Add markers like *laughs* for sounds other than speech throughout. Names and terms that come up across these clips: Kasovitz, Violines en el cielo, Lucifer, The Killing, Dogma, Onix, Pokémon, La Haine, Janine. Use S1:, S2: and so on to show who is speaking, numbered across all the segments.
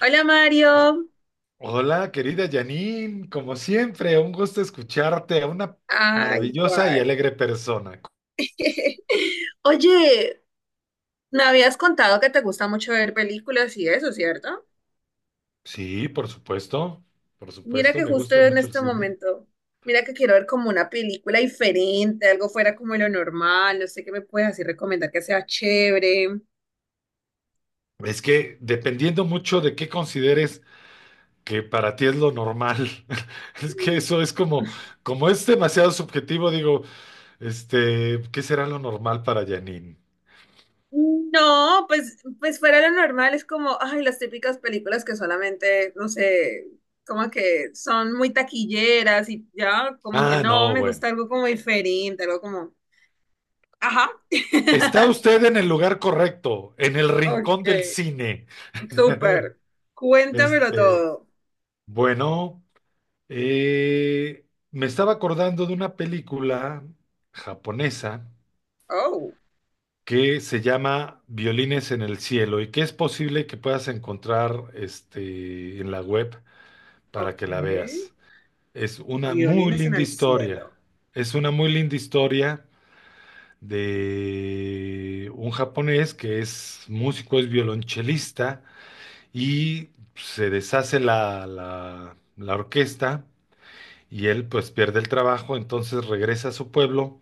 S1: Hola,
S2: O-
S1: Mario.
S2: Hola, querida Janine, como siempre, un gusto escucharte, a una
S1: Ay,
S2: maravillosa y
S1: igual.
S2: alegre persona.
S1: *laughs* Oye, me habías contado que te gusta mucho ver películas y eso, ¿cierto?
S2: Sí, por
S1: Mira
S2: supuesto,
S1: que
S2: me
S1: justo
S2: gusta
S1: en
S2: mucho el
S1: este
S2: cine.
S1: momento, mira que quiero ver como una película diferente, algo fuera como lo normal, no sé qué me puedes así recomendar que sea chévere.
S2: Es que dependiendo mucho de qué consideres que para ti es lo normal, *laughs* es que eso es como, como es demasiado subjetivo, digo, ¿qué será lo normal para Janine?
S1: No, pues, fuera lo normal es como, ay, las típicas películas que solamente, no sé, como que son muy taquilleras y ya, como que
S2: Ah,
S1: no,
S2: no,
S1: me
S2: bueno.
S1: gusta algo como diferente, algo como... Ajá.
S2: Está
S1: *laughs*
S2: usted en el lugar correcto, en el
S1: Ok,
S2: rincón del cine. *laughs*
S1: súper. Cuéntamelo
S2: Este,
S1: todo.
S2: Bueno, eh, me estaba acordando de una película japonesa
S1: Oh,
S2: que se llama Violines en el cielo y que es posible que puedas encontrar en la web para
S1: ok.
S2: que la veas. Es una muy
S1: Violines en
S2: linda
S1: el
S2: historia.
S1: cielo.
S2: Es una muy linda historia de un japonés que es músico, es violonchelista y se deshace la orquesta. Y él pues pierde el trabajo, entonces regresa a su pueblo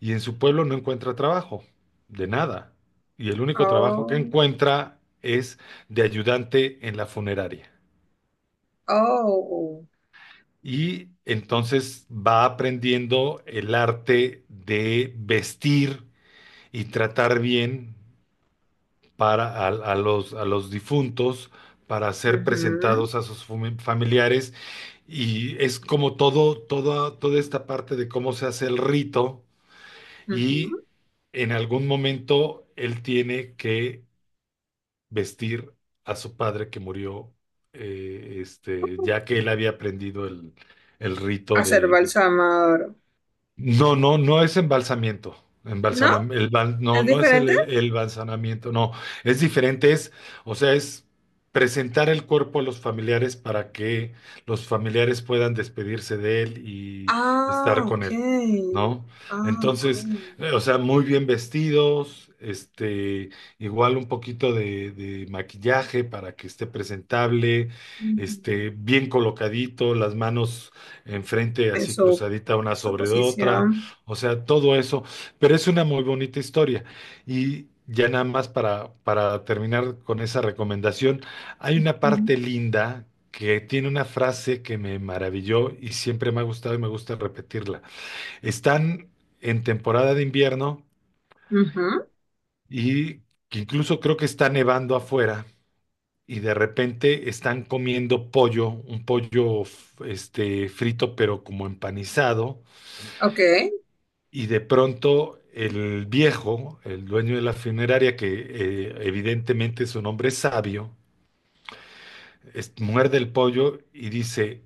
S2: y en su pueblo no encuentra trabajo, de nada. Y el único trabajo que
S1: Oh,
S2: encuentra es de ayudante en la funeraria.
S1: oh.
S2: Y entonces va aprendiendo el arte de vestir y tratar bien para a los difuntos para ser
S1: Ujú,
S2: presentados a sus familiares. Y es como todo, toda toda esta parte de cómo se hace el rito. Y
S1: ujú.
S2: en algún momento él tiene que vestir a su padre que murió, ya que él había aprendido el rito
S1: Hacer
S2: de,
S1: balsamador.
S2: no, no, no es embalsamiento.
S1: ¿No? ¿Es
S2: No, no es
S1: diferente?
S2: el embalsanamiento, no. Es diferente, es, o sea, es presentar el cuerpo a los familiares para que los familiares puedan despedirse de él y
S1: Ah,
S2: estar con
S1: ok.
S2: él, ¿no?
S1: Ah, ok.
S2: Entonces, o sea, muy bien vestidos, igual un poquito de maquillaje para que esté presentable,
S1: Ujú.
S2: bien colocadito, las manos enfrente,
S1: En
S2: así
S1: su,
S2: cruzadita una
S1: su
S2: sobre otra,
S1: posición.
S2: o sea, todo eso, pero es una muy bonita historia. Y ya nada más para terminar con esa recomendación, hay una parte
S1: Ujú.
S2: linda que tiene una frase que me maravilló y siempre me ha gustado y me gusta repetirla. Están en temporada de invierno
S1: Ujú.
S2: y que incluso creo que está nevando afuera. Y de repente están comiendo pollo, un pollo frito pero como empanizado.
S1: Ok.
S2: Y de pronto el viejo, el dueño de la funeraria, que evidentemente es un hombre sabio, muerde el pollo y dice,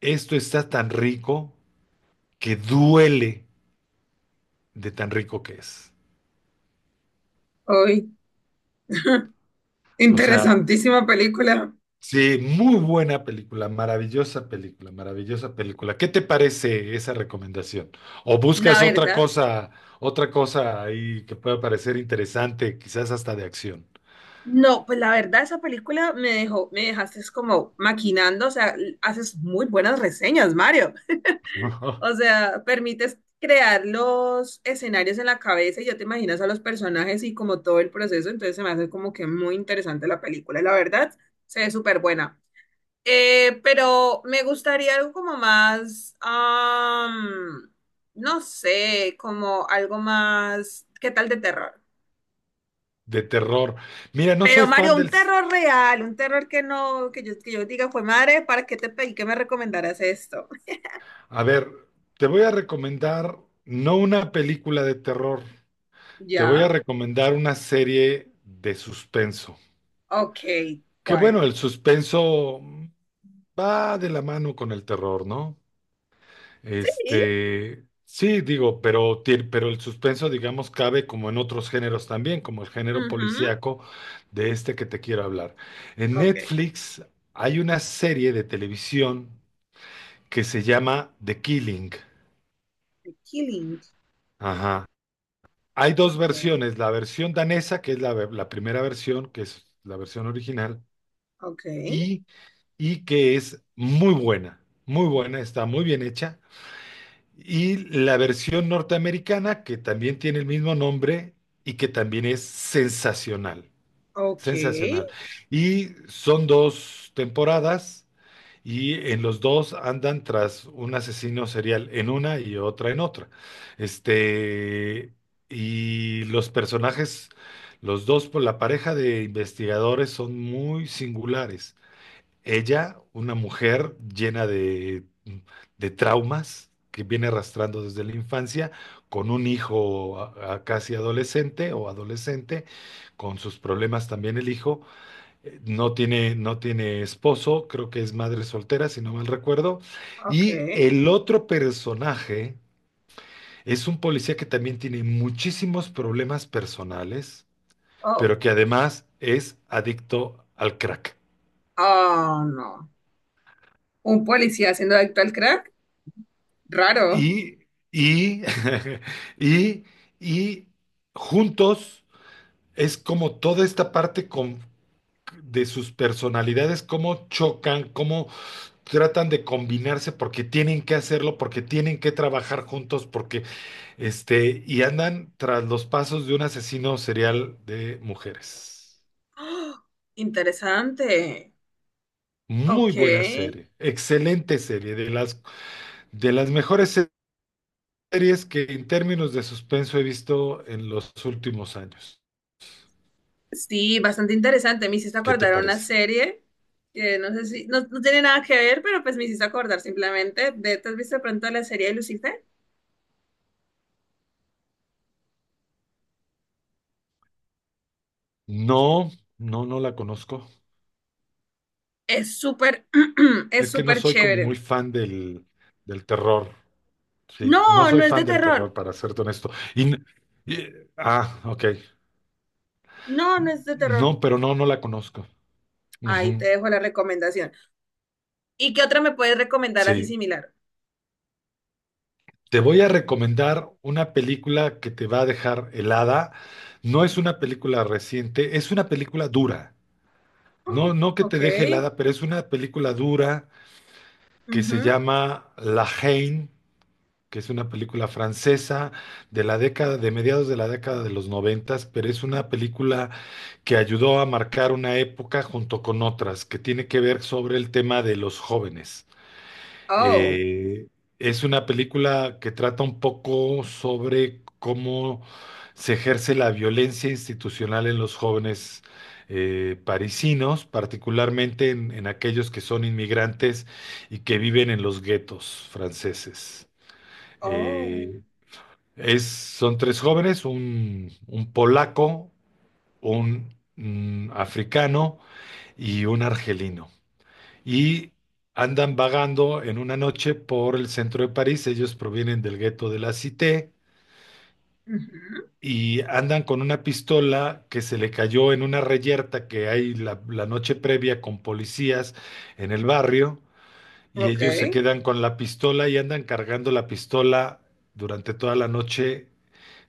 S2: esto está tan rico que duele de tan rico que es.
S1: Hoy,
S2: O sea,
S1: interesantísima película.
S2: sí, muy buena película, maravillosa película, maravillosa película. ¿Qué te parece esa recomendación? ¿O
S1: La
S2: buscas
S1: verdad.
S2: otra cosa ahí que pueda parecer interesante, quizás hasta de acción?
S1: No, pues la verdad esa película me dejó, me dejaste es como maquinando, o sea, haces muy buenas reseñas, Mario. O
S2: *laughs*
S1: sea, permites crear los escenarios en la cabeza y ya te imaginas a los personajes y como todo el proceso, entonces se me hace como que muy interesante la película, la verdad, se ve súper buena. Pero me gustaría algo como más, no sé, como algo más, ¿qué tal de terror?
S2: De terror. Mira, no soy
S1: Pero
S2: fan
S1: Mario, un
S2: del...
S1: terror real, un terror que no, que yo diga, fue madre, ¿para qué te pedí que me recomendaras esto?
S2: A ver, te voy a recomendar no una película de terror, te voy
S1: ¿Ya?
S2: a recomendar una serie de suspenso.
S1: Ok,
S2: Que
S1: ¿cuál?
S2: bueno, el suspenso va de la mano con el terror, ¿no?
S1: Sí,
S2: Sí, digo, pero, pero el suspenso, digamos, cabe como en otros géneros también, como el género
S1: ujú,
S2: policíaco de este que te quiero hablar. En
S1: ok.
S2: Netflix hay una serie de televisión que se llama The Killing.
S1: The Killing.
S2: Ajá. Hay dos
S1: Ok,
S2: versiones, la versión danesa, que es la primera versión, que es la versión original,
S1: ok,
S2: y, y que es muy buena, está muy bien hecha. Y la versión norteamericana, que también tiene el mismo nombre y que también es sensacional,
S1: ok,
S2: sensacional. Y son dos temporadas y en los dos andan tras un asesino serial en una y otra en otra. Este, y los personajes, los dos, por la pareja de investigadores son muy singulares. Ella, una mujer llena de traumas que viene arrastrando desde la infancia, con un hijo a casi adolescente o adolescente, con sus problemas también el hijo, no tiene esposo, creo que es madre soltera, si no mal recuerdo.
S1: ok.
S2: Y el otro personaje es un policía que también tiene muchísimos problemas personales, pero
S1: Oh,
S2: que además es adicto al crack.
S1: oh, no. Un policía haciendo de actual crack. Raro. *gasps*
S2: Y, y, *laughs* y, y juntos es como toda esta parte de sus personalidades, cómo chocan, cómo tratan de combinarse porque tienen que hacerlo, porque tienen que trabajar juntos, porque y andan tras los pasos de un asesino serial de mujeres.
S1: ¡Ah, interesante!
S2: Muy
S1: Ok,
S2: buena serie, excelente serie, de las mejores series que en términos de suspenso he visto en los últimos años.
S1: sí, bastante interesante. Me hiciste
S2: ¿Qué te
S1: acordar a una
S2: parece?
S1: serie que no sé si, no, no tiene nada que ver, pero pues me hiciste acordar simplemente de, ¿te has visto de pronto la serie de Lucifer?
S2: No, no, no la conozco.
S1: Es súper, *clears throat* es
S2: Es que no
S1: súper
S2: soy como muy
S1: chévere.
S2: fan del terror. Sí, no
S1: No,
S2: soy
S1: no es de
S2: fan del
S1: terror.
S2: terror, para serte honesto. Y, n- y- ah, ok.
S1: No, no es de terror.
S2: No, pero no, no la conozco.
S1: Ahí te
S2: Ujú,
S1: dejo la recomendación. ¿Y qué otra me puedes recomendar así
S2: sí.
S1: similar?
S2: Te voy a recomendar una película que te va a dejar helada. No es una película reciente, es una película dura.
S1: Oh,
S2: No, no que te
S1: ok.
S2: deje helada, pero es una película dura que se
S1: Ujú.
S2: llama La Haine. Que es una película francesa de la década, de mediados de la década de los noventas, pero es una película que ayudó a marcar una época junto con otras, que tiene que ver sobre el tema de los jóvenes.
S1: Oh,
S2: Eh, es una película que trata un poco sobre cómo se ejerce la violencia institucional en los jóvenes, parisinos, particularmente en aquellos que son inmigrantes y que viven en los guetos franceses.
S1: oh.
S2: Eh, es, son tres jóvenes, un polaco, un mm, africano y un argelino. Y andan vagando en una noche por el centro de París. Ellos provienen del gueto de la Cité
S1: Ujú.
S2: y andan con una pistola que se le cayó en una reyerta que hay la noche previa con policías en el barrio. Y
S1: Ok.
S2: ellos se quedan con la pistola y andan cargando la pistola durante toda la noche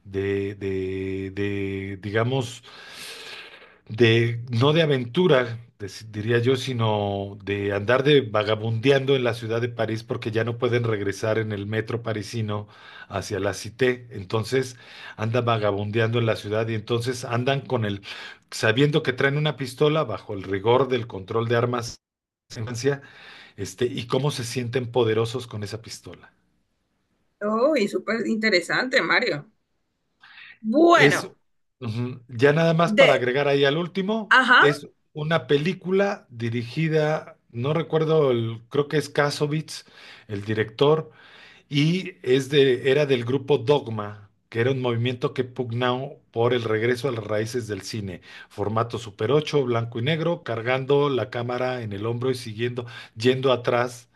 S2: digamos, no de aventura, diría yo, sino de andar de vagabundeando en la ciudad de París porque ya no pueden regresar en el metro parisino hacia la Cité. Entonces andan vagabundeando en la ciudad y entonces andan con sabiendo que traen una pistola bajo el rigor del control de armas en Francia, y cómo se sienten poderosos con esa pistola.
S1: Oh, y súper interesante, Mario.
S2: Es,
S1: Bueno,
S2: ya nada más para
S1: de,
S2: agregar ahí al último,
S1: ajá.
S2: es una película dirigida, no recuerdo, creo que es Kasovitz, el director, y es de, era del grupo Dogma, que era un movimiento que pugnaba por el regreso a las raíces del cine, formato Super 8 blanco y negro, cargando la cámara en el hombro y siguiendo, yendo atrás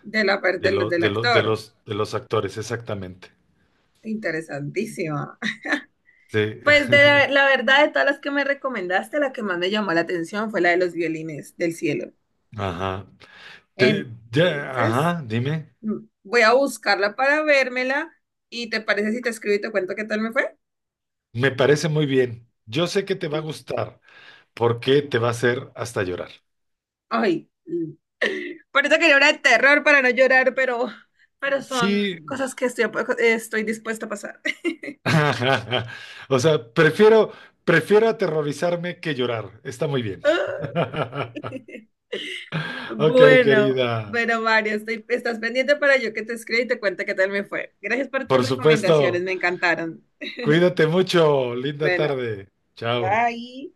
S1: De la, del actor.
S2: de los actores, exactamente.
S1: Interesantísima.
S2: Sí,
S1: Pues de la, la verdad, de todas las que me recomendaste, la que más me llamó la atención fue la de los violines del cielo.
S2: *laughs* ajá.
S1: Entonces,
S2: Dime.
S1: mm, voy a buscarla para vérmela. ¿Y te parece si te escribo y te cuento qué tal me fue?
S2: Me parece muy bien. Yo sé que te va a gustar porque te va a hacer hasta llorar.
S1: Ay, mm, por eso quería una de terror para no llorar, pero son
S2: Sí,
S1: cosas que estoy, estoy dispuesta a pasar.
S2: *laughs* o sea, prefiero aterrorizarme que llorar. Está muy bien.
S1: *laughs*
S2: *laughs*
S1: Ay.
S2: Ok,
S1: Bueno,
S2: querida.
S1: bueno, Mario, estoy, estás pendiente para yo que te escriba y te cuente qué tal me fue. Gracias por tus
S2: Por
S1: recomendaciones,
S2: supuesto.
S1: me encantaron.
S2: Cuídate mucho. Linda
S1: Bueno,
S2: tarde. Chao.
S1: bye.